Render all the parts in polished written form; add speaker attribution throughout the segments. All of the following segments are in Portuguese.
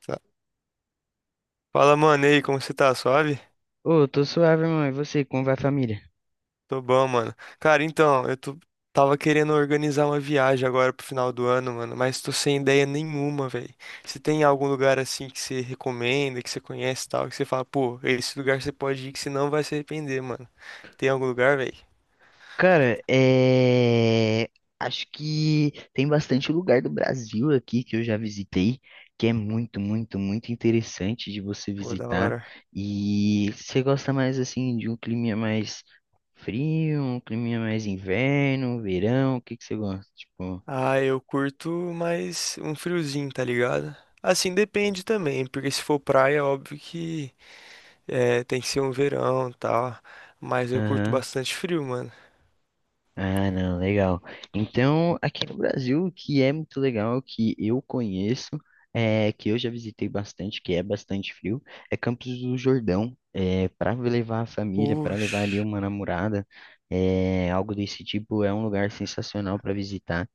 Speaker 1: Sa- Fala, mano, e aí, como você tá? Suave?
Speaker 2: Ô, tô suave, mãe. E você, como vai a família?
Speaker 1: Tô bom, mano. Cara, então, tava querendo organizar uma viagem agora pro final do ano, mano, mas tô sem ideia nenhuma, velho. Você tem algum lugar assim que você recomenda, que você conhece e tal, que você fala, pô, esse lugar você pode ir que você não vai se arrepender, mano. Tem algum lugar, velho?
Speaker 2: Cara, acho que tem bastante lugar do Brasil aqui que eu já visitei, que é muito, muito, muito interessante de você
Speaker 1: Pô, da
Speaker 2: visitar.
Speaker 1: hora.
Speaker 2: E você gosta mais assim de um clima mais frio, um clima mais inverno, verão? O que que você gosta? Tipo,
Speaker 1: Ah, eu curto mais um friozinho, tá ligado? Assim, depende também, porque se for praia, óbvio que é, tem que ser um verão e tal. Mas eu curto
Speaker 2: aham.
Speaker 1: bastante frio, mano.
Speaker 2: Ah, não, legal. Então, aqui no Brasil, o que é muito legal, que eu conheço, que eu já visitei bastante, que é bastante frio, é Campos do Jordão. É, para levar a família, para levar ali
Speaker 1: Oxe,
Speaker 2: uma namorada, algo desse tipo, é um lugar sensacional para visitar.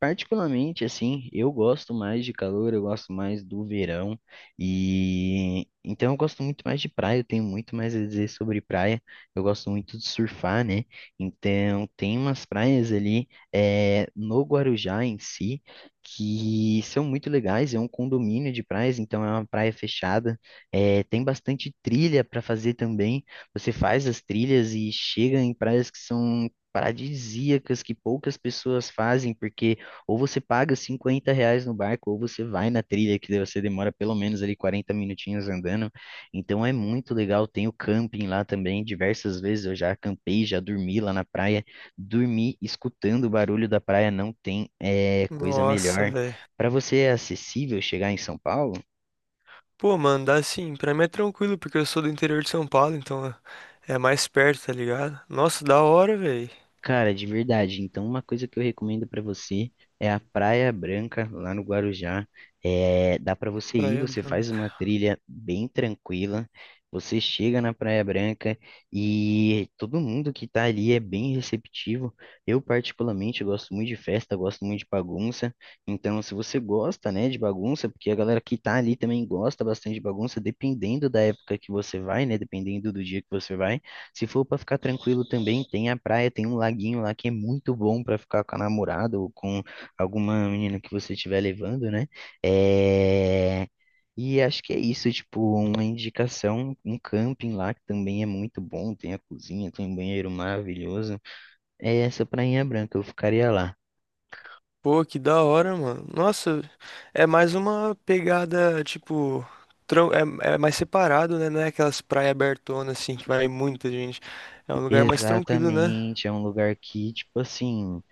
Speaker 2: Particularmente, assim, eu gosto mais de calor, eu gosto mais do verão, e então eu gosto muito mais de praia, eu tenho muito mais a dizer sobre praia, eu gosto muito de surfar, né? Então tem umas praias ali no Guarujá em si que são muito legais, é um condomínio de praias, então é uma praia fechada, tem bastante trilha para fazer também, você faz as trilhas e chega em praias que são paradisíacas que poucas pessoas fazem, porque ou você paga R$ 50 no barco, ou você vai na trilha, que daí você demora pelo menos ali 40 minutinhos andando. Então é muito legal. Tem o camping lá também. Diversas vezes eu já acampei, já dormi lá na praia. Dormir escutando o barulho da praia não tem coisa
Speaker 1: nossa,
Speaker 2: melhor.
Speaker 1: velho.
Speaker 2: Para você é acessível chegar em São Paulo?
Speaker 1: Pô, mano, dá assim, pra mim é tranquilo, porque eu sou do interior de São Paulo, então é mais perto, tá ligado? Nossa, da hora, velho.
Speaker 2: Cara, de verdade. Então, uma coisa que eu recomendo pra você é a Praia Branca, lá no Guarujá. É, dá pra você ir,
Speaker 1: Praia
Speaker 2: você faz
Speaker 1: Branca.
Speaker 2: uma trilha bem tranquila. Você chega na Praia Branca e todo mundo que tá ali é bem receptivo. Eu, particularmente, eu gosto muito de festa, gosto muito de bagunça. Então, se você gosta, né, de bagunça, porque a galera que tá ali também gosta bastante de bagunça, dependendo da época que você vai, né, dependendo do dia que você vai. Se for para ficar tranquilo também, tem a praia, tem um laguinho lá que é muito bom para ficar com a namorada ou com alguma menina que você estiver levando, né? É... E acho que é isso, tipo, uma indicação, um camping lá que também é muito bom, tem a cozinha, tem um banheiro maravilhoso. É essa Prainha Branca, eu ficaria lá.
Speaker 1: Pô, que da hora, mano. Nossa, é mais uma pegada, tipo, tran- é mais separado, né? Não é aquelas praias abertonas, assim, que vai muita gente. É um lugar mais tranquilo, né?
Speaker 2: Exatamente, é um lugar que, tipo assim,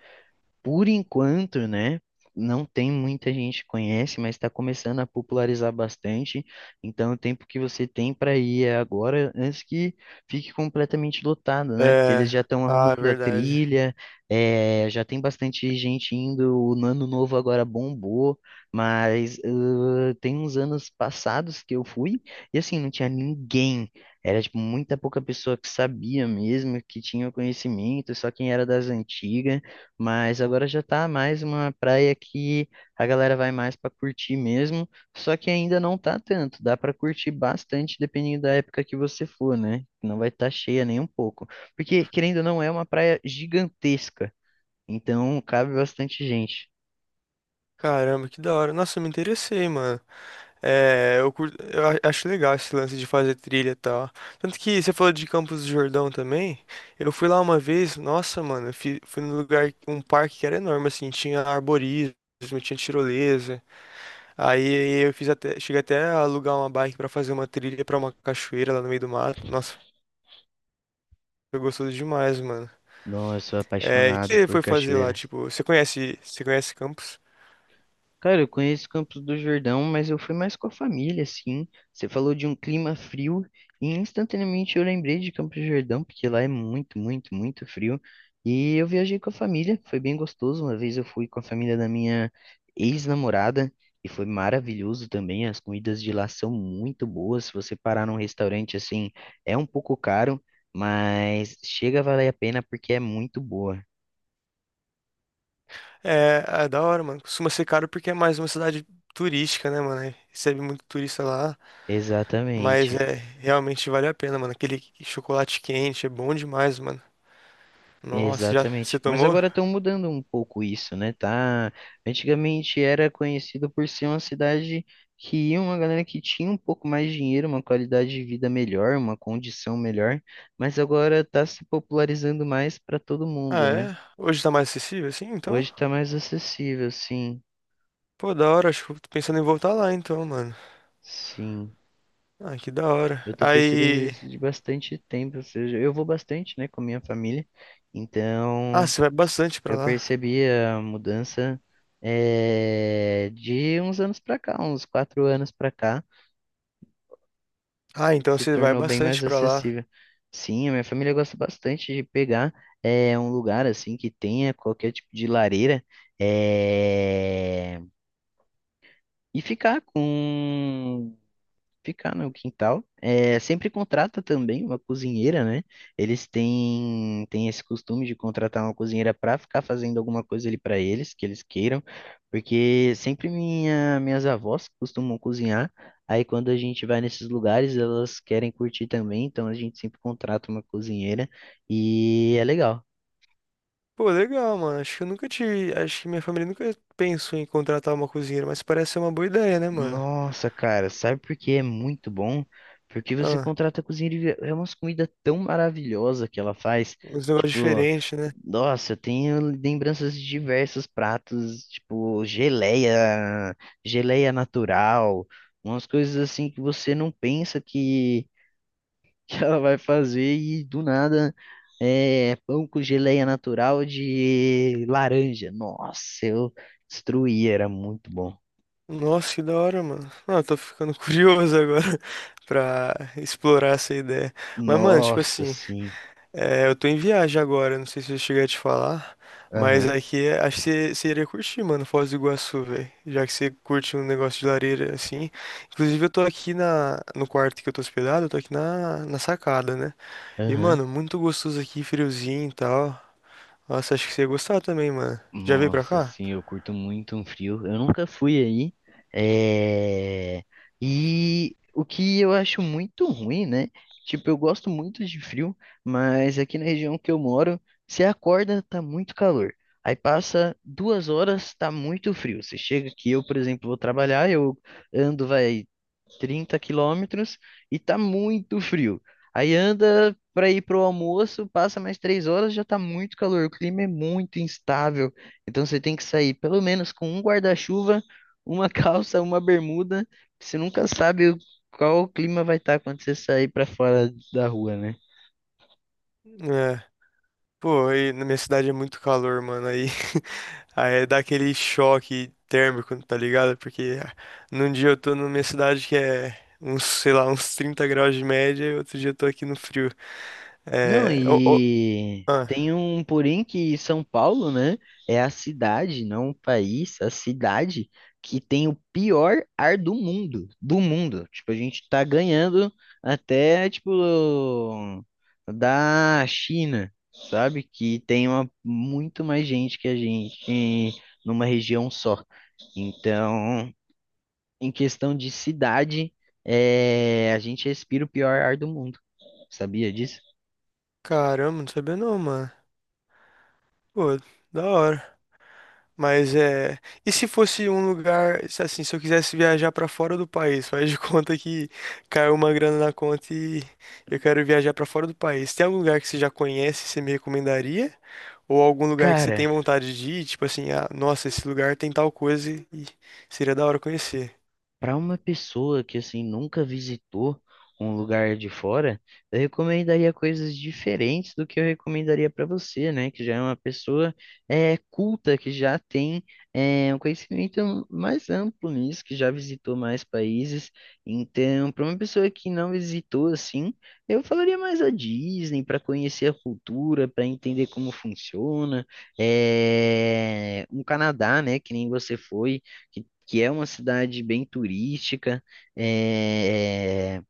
Speaker 2: por enquanto, né? Não tem muita gente que conhece, mas está começando a popularizar bastante. Então, o tempo que você tem para ir é agora, antes que fique completamente lotado, né? Porque eles
Speaker 1: É,
Speaker 2: já estão
Speaker 1: ah,
Speaker 2: arrumando a
Speaker 1: verdade.
Speaker 2: trilha, já tem bastante gente indo. O Ano Novo agora bombou, mas tem uns anos passados que eu fui e assim, não tinha ninguém. Era tipo muita pouca pessoa que sabia mesmo, que tinha o conhecimento, só quem era das antigas. Mas agora já tá mais uma praia que a galera vai mais para curtir mesmo, só que ainda não tá tanto, dá para curtir bastante dependendo da época que você for, né? Não vai estar cheia nem um pouco, porque querendo ou não é uma praia gigantesca, então cabe bastante gente.
Speaker 1: Caramba, que da hora. Nossa, eu me interessei, mano. É, eu, curto, eu acho legal esse lance de fazer trilha e tal. Tanto que você falou de Campos do Jordão também. Eu fui lá uma vez, nossa, mano, eu fui, num lugar, um parque que era enorme, assim, tinha arborismo, tinha tirolesa. Aí eu fiz até, cheguei até a alugar uma bike pra fazer uma trilha pra uma cachoeira lá no meio do mato. Nossa, foi gostoso demais, mano.
Speaker 2: Nossa, eu sou
Speaker 1: É, e o que
Speaker 2: apaixonado
Speaker 1: você
Speaker 2: por
Speaker 1: foi fazer lá?
Speaker 2: cachoeira.
Speaker 1: Tipo, você conhece Campos?
Speaker 2: Cara, eu conheço Campos do Jordão, mas eu fui mais com a família, assim. Você falou de um clima frio e instantaneamente eu lembrei de Campos do Jordão, porque lá é muito, muito, muito frio. E eu viajei com a família, foi bem gostoso. Uma vez eu fui com a família da minha ex-namorada e foi maravilhoso também. As comidas de lá são muito boas. Se você parar num restaurante assim, é um pouco caro, mas chega a valer a pena porque é muito boa.
Speaker 1: É, é da hora, mano. Costuma ser caro porque é mais uma cidade turística, né, mano? Recebe muito turista lá. Mas
Speaker 2: Exatamente.
Speaker 1: é, realmente vale a pena, mano. Aquele chocolate quente é bom demais, mano. Nossa, já
Speaker 2: Exatamente.
Speaker 1: você
Speaker 2: Mas
Speaker 1: tomou?
Speaker 2: agora estão mudando um pouco isso, né? Tá? Antigamente era conhecido por ser uma cidade que ia uma galera que tinha um pouco mais de dinheiro, uma qualidade de vida melhor, uma condição melhor, mas agora está se popularizando mais para todo
Speaker 1: Ah,
Speaker 2: mundo, né?
Speaker 1: é? Hoje tá mais acessível assim,
Speaker 2: Hoje
Speaker 1: então?
Speaker 2: está mais acessível, sim.
Speaker 1: Pô, da hora, acho que eu tô pensando em voltar lá então, mano.
Speaker 2: Sim.
Speaker 1: Ah, que da hora.
Speaker 2: Eu tô percebendo
Speaker 1: Aí.
Speaker 2: isso de bastante tempo, ou seja, eu vou bastante, né, com a minha família.
Speaker 1: Ah,
Speaker 2: Então,
Speaker 1: você vai bastante pra
Speaker 2: eu
Speaker 1: lá.
Speaker 2: percebi a mudança de uns anos pra cá, uns 4 anos pra cá,
Speaker 1: Ah, então
Speaker 2: se
Speaker 1: você vai
Speaker 2: tornou bem mais
Speaker 1: bastante pra lá.
Speaker 2: acessível. Sim, a minha família gosta bastante de pegar um lugar assim que tenha qualquer tipo de lareira eh, e ficar no quintal. É, sempre contrata também uma cozinheira, né? Eles têm esse costume de contratar uma cozinheira para ficar fazendo alguma coisa ali para eles, que eles queiram, porque sempre minhas avós costumam cozinhar. Aí quando a gente vai nesses lugares, elas querem curtir também, então a gente sempre contrata uma cozinheira e é legal.
Speaker 1: Pô, legal, mano. Acho que eu nunca tive. Acho que minha família nunca pensou em contratar uma cozinheira, mas parece ser uma boa ideia, né, mano?
Speaker 2: Nossa, cara, sabe por que é muito bom? Porque você
Speaker 1: Ah,
Speaker 2: contrata a cozinheira e é umas comidas tão maravilhosas que ela faz.
Speaker 1: uns negócios
Speaker 2: Tipo,
Speaker 1: diferentes, né?
Speaker 2: nossa, eu tenho lembranças de diversos pratos, tipo geleia, geleia natural, umas coisas assim que você não pensa que, que ela vai fazer e do nada é pão com geleia natural de laranja. Nossa, eu destruí, era muito bom.
Speaker 1: Nossa, que da hora, mano. Não, eu tô ficando curioso agora pra explorar essa ideia. Mas, mano, tipo
Speaker 2: Nossa,
Speaker 1: assim,
Speaker 2: sim.
Speaker 1: é, eu tô em viagem agora, não sei se eu cheguei a te falar, mas
Speaker 2: Aham,
Speaker 1: aqui acho que você iria curtir, mano, Foz do Iguaçu, velho. Já que você curte um negócio de lareira assim. Inclusive, eu tô aqui no quarto que eu tô hospedado, eu tô aqui na sacada, né? E,
Speaker 2: aham.
Speaker 1: mano, muito gostoso aqui, friozinho e tal. Nossa, acho que você ia gostar também, mano. Já veio pra
Speaker 2: Nossa,
Speaker 1: cá?
Speaker 2: sim, eu curto muito um frio. Eu nunca fui aí. É... E o que eu acho muito ruim, né? Tipo, eu gosto muito de frio, mas aqui na região que eu moro, você acorda, tá muito calor. Aí passa 2 horas, tá muito frio. Você chega aqui, eu, por exemplo, vou trabalhar, eu ando, vai, 30 quilômetros e tá muito frio. Aí anda para ir pro almoço, passa mais 3 horas, já tá muito calor. O clima é muito instável. Então você tem que sair pelo menos com um guarda-chuva, uma calça, uma bermuda. Você nunca sabe qual o clima vai estar quando você sair para fora da rua, né?
Speaker 1: É. Pô, aí na minha cidade é muito calor, mano. Aí, aí dá aquele choque térmico, tá ligado? Porque num dia eu tô na minha cidade que é uns, sei lá, uns 30 graus de média, e outro dia eu tô aqui no frio.
Speaker 2: Não,
Speaker 1: É. Ô, ô,
Speaker 2: e
Speaker 1: ah,
Speaker 2: tem um porém que São Paulo, né, é a cidade, não o país, a cidade que tem o pior ar do mundo, do mundo. Tipo, a gente tá ganhando até, tipo, da China, sabe? Que tem uma, muito mais gente que a gente numa região só. Então, em questão de cidade, a gente respira o pior ar do mundo. Sabia disso?
Speaker 1: caramba, não sabia não, mano. Pô, da hora. Mas é. E se fosse um lugar, se assim, se eu quisesse viajar pra fora do país, faz de conta que caiu uma grana na conta e eu quero viajar pra fora do país. Tem algum lugar que você já conhece e você me recomendaria? Ou algum lugar que você
Speaker 2: Cara,
Speaker 1: tem vontade de ir, tipo assim, ah, nossa, esse lugar tem tal coisa e seria da hora conhecer.
Speaker 2: para uma pessoa que assim nunca visitou um lugar de fora, eu recomendaria coisas diferentes do que eu recomendaria para você, né? Que já é uma pessoa culta, que já tem um conhecimento mais amplo nisso, que já visitou mais países. Então, para uma pessoa que não visitou assim, eu falaria mais a Disney para conhecer a cultura, para entender como funciona. É, um Canadá, né? Que nem você foi que que é uma cidade bem turística. é,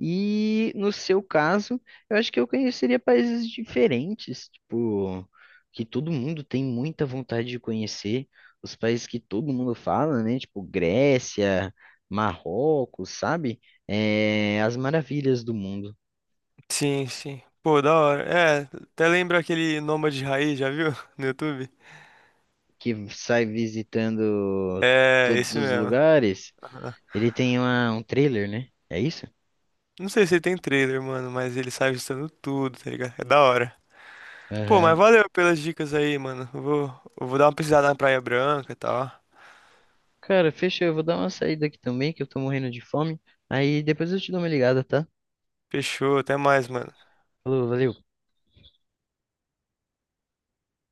Speaker 2: E no seu caso, eu acho que eu conheceria países diferentes, tipo, que todo mundo tem muita vontade de conhecer, os países que todo mundo fala, né? Tipo Grécia, Marrocos, sabe? É, as maravilhas do mundo,
Speaker 1: Sim, sim. Pô, da hora. É, até lembra aquele Nômade Raiz, já viu? No YouTube?
Speaker 2: que sai visitando
Speaker 1: É,
Speaker 2: todos
Speaker 1: esse
Speaker 2: os
Speaker 1: mesmo.
Speaker 2: lugares.
Speaker 1: Ah.
Speaker 2: Ele tem um trailer, né? É isso?
Speaker 1: Não sei se ele tem trailer, mano, mas ele sai ajustando tudo, tá ligado? É da hora. Pô, mas
Speaker 2: Aham.
Speaker 1: valeu pelas dicas aí, mano. Eu vou dar uma pesquisada na Praia Branca e tal.
Speaker 2: Cara, fechou. Eu vou dar uma saída aqui também, que eu tô morrendo de fome. Aí depois eu te dou uma ligada, tá?
Speaker 1: Fechou, até mais, mano.
Speaker 2: Falou, valeu.